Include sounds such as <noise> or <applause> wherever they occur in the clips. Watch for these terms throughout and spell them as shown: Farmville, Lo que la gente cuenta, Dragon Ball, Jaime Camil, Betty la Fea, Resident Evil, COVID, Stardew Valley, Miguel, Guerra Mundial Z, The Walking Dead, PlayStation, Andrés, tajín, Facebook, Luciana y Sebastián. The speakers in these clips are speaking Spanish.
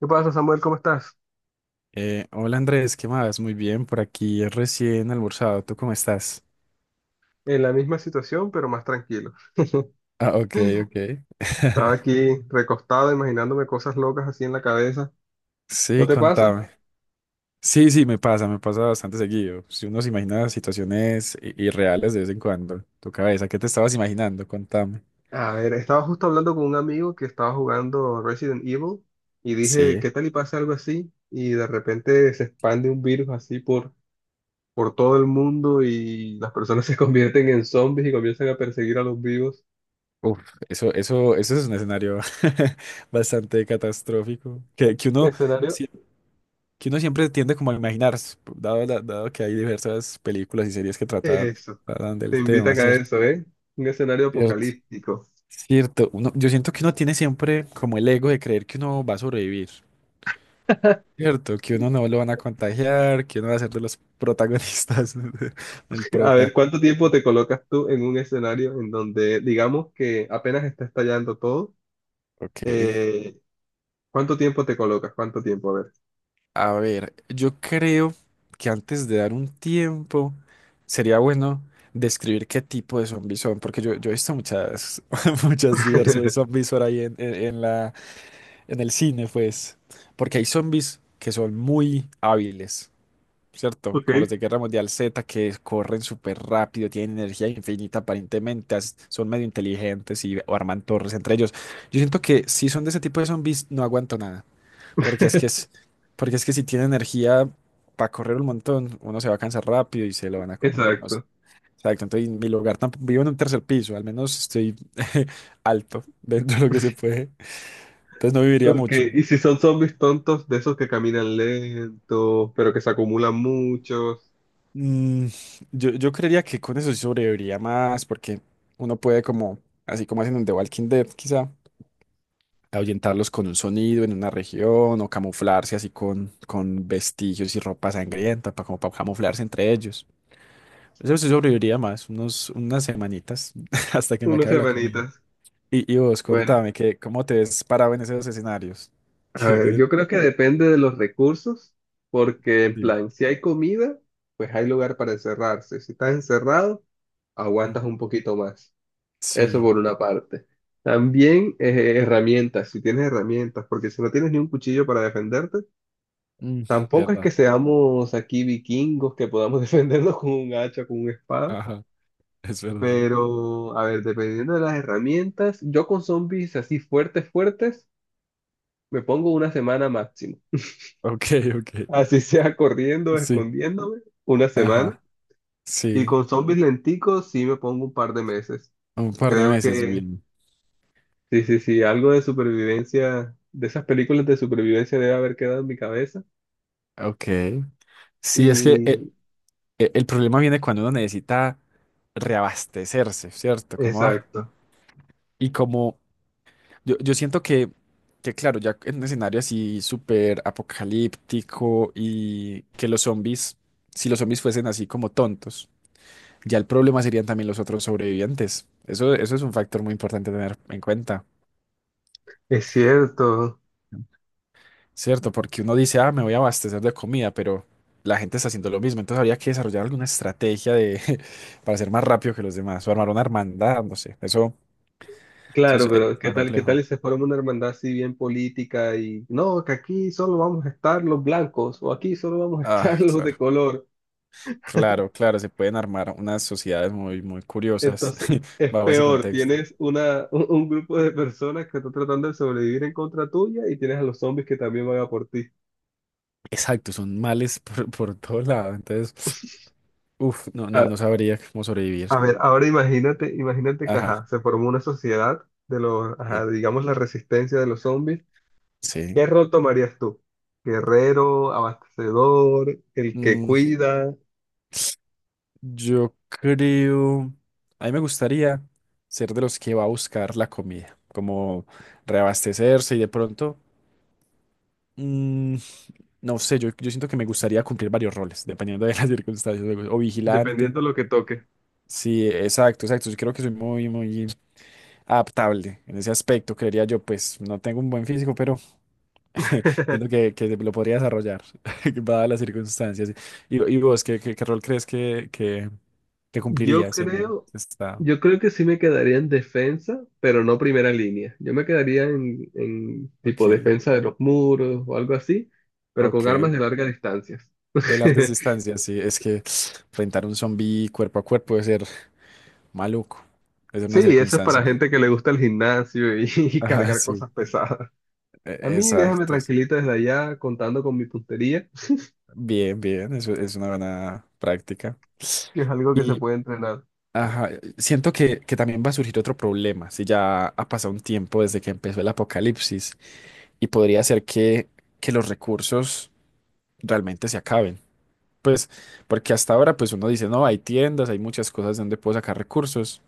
¿Qué pasa, Samuel? ¿Cómo estás? Hola Andrés, ¿qué más? Muy bien, por aquí recién almorzado. ¿Tú cómo estás? En la misma situación, pero más tranquilo. Ah, ok, ok. Estaba aquí recostado, imaginándome cosas locas así en la cabeza. ¿No Sí, te pasa? contame. Sí, sí, me pasa bastante seguido. Si uno se imagina situaciones irreales de vez en cuando, tu cabeza, ¿qué te estabas imaginando? Contame. A ver, estaba justo hablando con un amigo que estaba jugando Resident Evil y dije, Sí. ¿qué tal y pasa algo así? Y de repente se expande un virus así por todo el mundo y las personas <laughs> se convierten en zombies y comienzan a perseguir a los vivos. Uf, eso es un escenario <laughs> bastante catastrófico que uno, Escenario, sie- que uno siempre tiende como a imaginar, dado que hay diversas películas y series que tratan, eso. tratan Te del tema, invitan a ¿cierto? eso, ¿eh? Un escenario apocalíptico. Cierto, uno, yo siento que uno tiene siempre como el ego de creer que uno va a sobrevivir, <laughs> ¿cierto? Que uno no lo van a contagiar, que uno va a ser de los protagonistas <laughs> del A ver, prota. ¿cuánto tiempo te colocas tú en un escenario en donde digamos que apenas está estallando todo? Ok, Eh, ¿Cuánto tiempo te colocas? ¿Cuánto tiempo? A ver. a ver, yo creo que antes de dar un tiempo sería bueno describir qué tipo de zombies son, yo he visto muchas, <laughs> muchas diversos <laughs> zombies por ahí en la, en el cine, pues, porque hay zombies que son muy hábiles, ¿cierto? Ok, Como los de Guerra Mundial Z, que corren súper rápido, tienen energía infinita aparentemente, son medio inteligentes y arman torres entre ellos. Yo siento que si son de ese tipo de zombies no aguanto nada, porque es que es, porque es que si tiene energía para correr un montón, uno se va a cansar rápido y se lo van a comer. No sé. exacto. Exacto, entonces en mi lugar tampoco vivo en un tercer piso, al menos estoy <laughs> alto dentro de lo que se puede, entonces no viviría Ok, mucho. y si son zombies tontos, de esos que caminan lentos, pero que se acumulan muchos, Mm, yo creería que con eso sí sobreviviría más, porque uno puede como, así como hacen en The Walking Dead, quizá, ahuyentarlos con un sonido en una región o camuflarse así con vestigios y ropa sangrienta, para, como para camuflarse entre ellos. Eso sí sobreviviría más, unos, unas semanitas <laughs> hasta que me unas acabe la comida. semanitas. Y vos, Bueno, contame, que, ¿cómo te ves parado en esos escenarios? <laughs> a ¿Qué ver, te- yo creo que depende de los recursos, porque en Sí. plan, si hay comida, pues hay lugar para encerrarse. Si estás encerrado, aguantas Ujú. un poquito más. Eso Sí, por una parte. También herramientas, si tienes herramientas, porque si no tienes ni un cuchillo para defenderte, mm, tampoco es que verdad. seamos aquí vikingos que podamos <laughs> defendernos con un hacha, con una espada. Ajá, es verdad. Pero, a ver, dependiendo de las herramientas, yo con zombies así fuertes, fuertes, me pongo una semana máximo. Ok, ok. Así <laughs> sea corriendo, Sí, escondiéndome, una semana. ajá. Y Sí, con zombies lenticos sí me pongo un par de meses. un par de Creo meses, que bien. sí, sí, sí, algo de supervivencia, de esas películas de supervivencia debe haber quedado en mi cabeza. Ok. Sí, es que Y el problema viene cuando uno necesita reabastecerse, ¿cierto? Como, ah, exacto, y como yo siento que, claro, ya en un escenario así súper apocalíptico y que los zombies, si los zombies fuesen así como tontos, ya el problema serían también los otros sobrevivientes. Eso es un factor muy importante a tener en cuenta. es cierto. ¿Cierto? Porque uno dice, ah, me voy a abastecer de comida, pero la gente está haciendo lo mismo. Entonces habría que desarrollar alguna estrategia de, <laughs> para ser más rápido que los demás, o armar una hermandad, no sé. Eso Claro, es pero más qué tal complejo. si se forma una hermandad así bien política y no, que aquí solo vamos a estar los blancos o aquí solo vamos a Ah, estar <laughs> los claro. de color? Claro, claro, se pueden armar unas sociedades muy, muy curiosas Entonces <laughs> es bajo ese peor, contexto. tienes un grupo de personas que están tratando de sobrevivir en contra tuya y tienes a los zombies que también van a por ti. Exacto, son males por todo lado. Entonces, uff, no, no sabría cómo sobrevivir. A ver, ahora imagínate que, Ajá. ajá, se formó una sociedad de los, ajá, Eh, digamos, la resistencia de los zombies. sí. ¿Qué rol tomarías tú? Guerrero, abastecedor, el que Mm, cuida, yo creo, a mí me gustaría ser de los que va a buscar la comida, como reabastecerse y de pronto, mm, no sé, yo siento que me gustaría cumplir varios roles, dependiendo de las <laughs> circunstancias, o vigilante. dependiendo de lo que toque. Sí, exacto, exacto. Yo creo que soy muy, muy adaptable en ese aspecto, creería yo, pues no tengo un buen físico, pero siento <laughs> que lo podría desarrollar, <laughs> dadas las circunstancias. Y vos, ¿qué rol crees que Yo cumplirías en el creo, estado? yo creo que sí me quedaría en defensa, pero no primera línea. Yo me quedaría en Ok, tipo defensa de los muros o algo así, pero con armas ok. de larga distancia. <laughs> De largas distancias, sí. Es que enfrentar un zombie cuerpo a cuerpo debe ser maluco. Es una Sí, eso es para circunstancia. gente <laughs> que le gusta el gimnasio y <laughs> y Ajá, cargar sí. cosas pesadas. A mí déjame Exacto. Sí. tranquilito desde allá contando con mi puntería, Bien, bien. Eso es una buena práctica. <laughs> que es algo que se Y puede entrenar. ajá, siento que también va a surgir otro problema. Si ya ha pasado un tiempo desde que empezó el apocalipsis y podría ser que los recursos realmente se acaben. Pues, porque hasta ahora, pues uno dice, no, hay tiendas, hay muchas cosas donde puedo sacar recursos.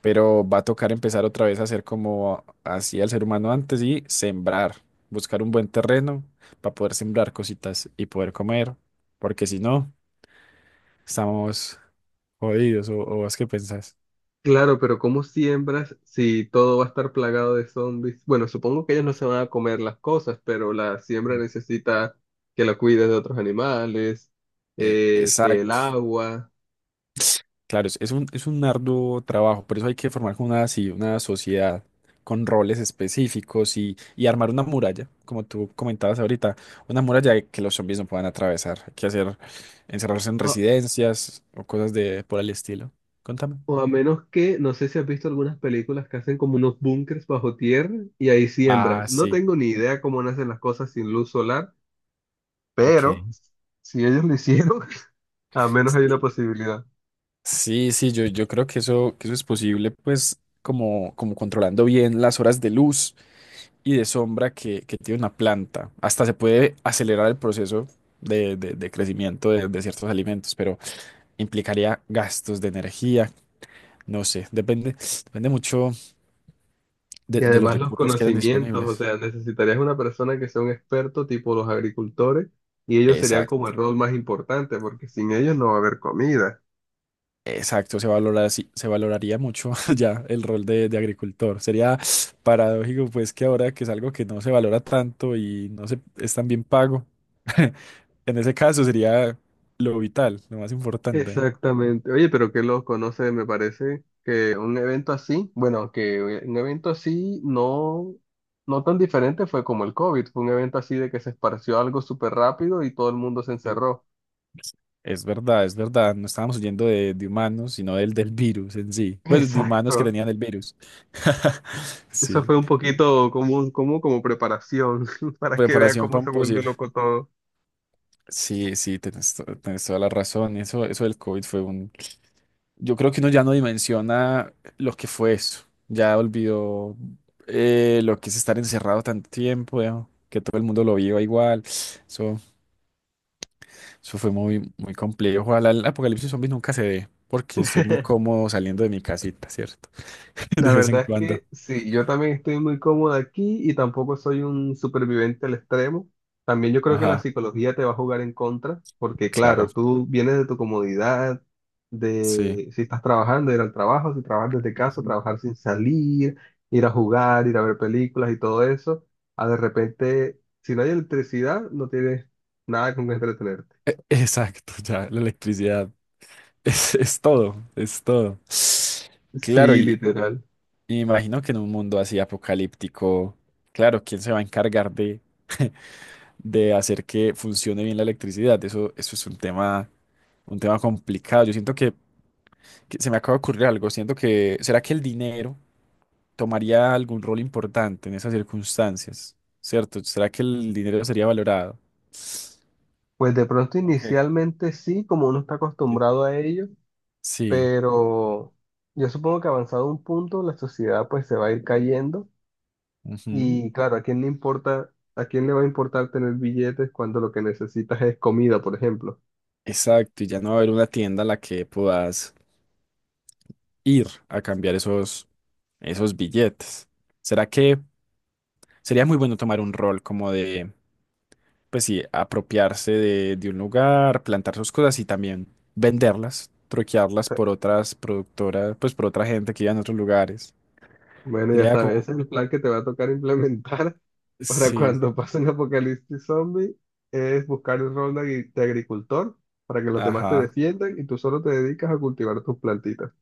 Pero va a tocar empezar otra vez a hacer como hacía el ser humano antes y sembrar, buscar un buen terreno para poder sembrar cositas y poder comer, porque si no, estamos jodidos, o vos qué pensás. Claro, pero ¿cómo siembras si todo va a estar plagado de zombies? Bueno, supongo que ellos no se van a comer las cosas, pero la siembra Ujú. necesita que la cuides de otros animales, que el Exacto. agua, Claro, es un arduo trabajo, por eso hay que formar como una, así, una sociedad con roles específicos y armar una muralla, como tú comentabas ahorita, una muralla que los zombies no puedan atravesar. Hay que hacer encerrarse en o residencias o cosas de por el estilo. Contame. o a menos que, no sé si has visto algunas películas que hacen como unos búnkers bajo tierra y ahí siembran. Ah, No sí. tengo ni idea cómo nacen las cosas sin luz solar, pero Ok. si ellos lo hicieron, <laughs> al menos hay una Sí, posibilidad. sí, sí, yo creo que eso es posible, pues, como, como controlando bien las horas de luz y de sombra que tiene una planta. Hasta se puede acelerar el proceso de crecimiento de ciertos alimentos, pero implicaría gastos de energía, no sé, depende, depende mucho Y de los además los recursos que eran conocimientos, o disponibles. sea, necesitarías una persona que sea un experto tipo los agricultores y ellos serían Exacto. como el rol más importante porque sin ellos no va a haber comida. Exacto, se valora, sí, se valoraría mucho <laughs> ya el rol de agricultor. Sería paradójico, pues, que ahora que es algo que no se valora tanto y no se, es tan bien pago, <laughs> en ese caso sería lo vital, lo más importante. Exactamente. Oye, pero que los conoce, me parece que un evento así, bueno, que un evento así no, no tan diferente fue como el COVID, fue un evento así de que se esparció algo súper rápido y todo el mundo se encerró. Es verdad, es verdad. No estábamos huyendo de humanos, sino del, del virus en sí. Bueno, de humanos que Exacto. tenían el virus. <laughs> Eso Sí. fue un poquito como preparación <laughs> para que vea Preparación cómo para se un vuelve posible. loco todo. Sí, sí, tenés, tenés toda la razón. Eso del COVID fue un... Yo creo que uno ya no dimensiona lo que fue eso. Ya olvidó lo que es estar encerrado tanto tiempo, ya, que todo el mundo lo viva igual. Eso fue muy, muy complejo. Ojalá el apocalipsis zombie nunca se dé, porque estoy muy <laughs> cómodo saliendo de mi casita, ¿cierto? <laughs> De La vez en verdad es cuando. que sí, yo también estoy muy cómoda aquí y tampoco soy un superviviente al extremo. También yo creo que la Ajá, psicología te va a jugar en contra, porque claro, claro, tú vienes de tu comodidad, sí. de si estás trabajando, ir al trabajo, si trabajas desde casa, Ujú. trabajar sin salir, ir a jugar, ir a ver películas y todo eso, a de repente, si no hay electricidad, no tienes nada con que entretenerte. Exacto, ya, la electricidad <laughs> es todo, es todo. Claro, Sí, literal. y imagino que en un mundo así apocalíptico, claro, ¿quién se va a encargar de hacer que funcione bien la electricidad? Eso es un tema complicado. Yo siento que se me acaba de ocurrir algo. Siento que, ¿será que el dinero tomaría algún rol importante en esas circunstancias? ¿Cierto? ¿Será que el dinero sería valorado? Pues de pronto Ok. inicialmente sí, como uno está acostumbrado a ello, Sí, pero yo supongo que avanzado un punto la sociedad pues se va a ir cayendo ujú. y claro, ¿a quién le importa, a quién le va a importar tener billetes cuando lo que necesitas es comida, por ejemplo? Exacto, y ya no va a haber una tienda a la que puedas ir a cambiar esos, esos billetes. ¿Será que sería muy bueno tomar un rol como de, pues sí, apropiarse de un lugar, plantar sus cosas y también venderlas, troquearlas por otras productoras, pues por otra gente que vive en otros lugares? Bueno, ya Sería sabes, como, ese es el plan que te va a tocar implementar <laughs> para sí, cuando pase un apocalipsis zombie, es buscar el rol de de agricultor para que los demás te ajá, defiendan y tú solo te dedicas a cultivar tus plantitas.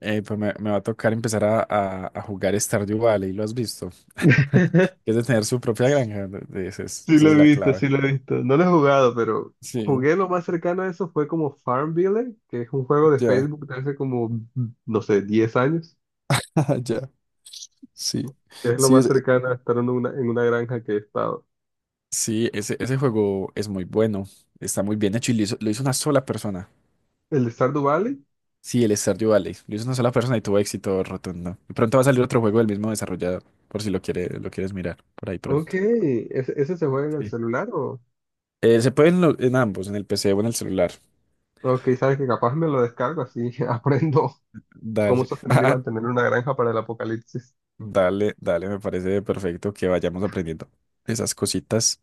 pues me va a tocar empezar a jugar Stardew Valley, ¿lo has visto? <laughs> <laughs> Es de tener su propia granja, Sí esa lo es he la visto, clave. sí lo he visto. No lo he jugado, pero Sí, jugué lo más cercano a eso fue como Farmville, que es un juego de ya, Facebook de hace como, no sé, 10 años. <laughs> ya, sí, Es lo sí, más es, cercano a estar en una granja que he estado. sí, ese juego es muy bueno, está muy bien hecho y lo hizo una sola persona. ¿El de Stardew Valley? Sí, el Stardew Valley, lo hizo una sola persona y tuvo éxito rotundo. Y pronto va a salir otro juego del mismo desarrollador, por si lo quiere, lo quieres mirar, por ahí Ok, pronto. ¿ese, ese se juega en el Sí. celular o...? Se puede en ambos, en el PC o en el celular. Ok, sabes que capaz me lo descargo así, <laughs> aprendo cómo Dale. sostener y <laughs> mantener una granja para el apocalipsis. Dale, dale, me parece perfecto que vayamos aprendiendo esas cositas.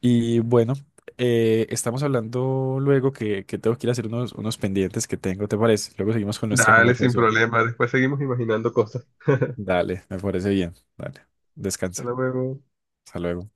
Y bueno, estamos hablando luego que tengo que ir a hacer unos, unos pendientes que tengo, ¿te parece? Luego seguimos con nuestra Dale, sin conversación. problema, después seguimos imaginando cosas. Dale, me parece bien. Dale, descansa. Hasta luego. Hasta luego.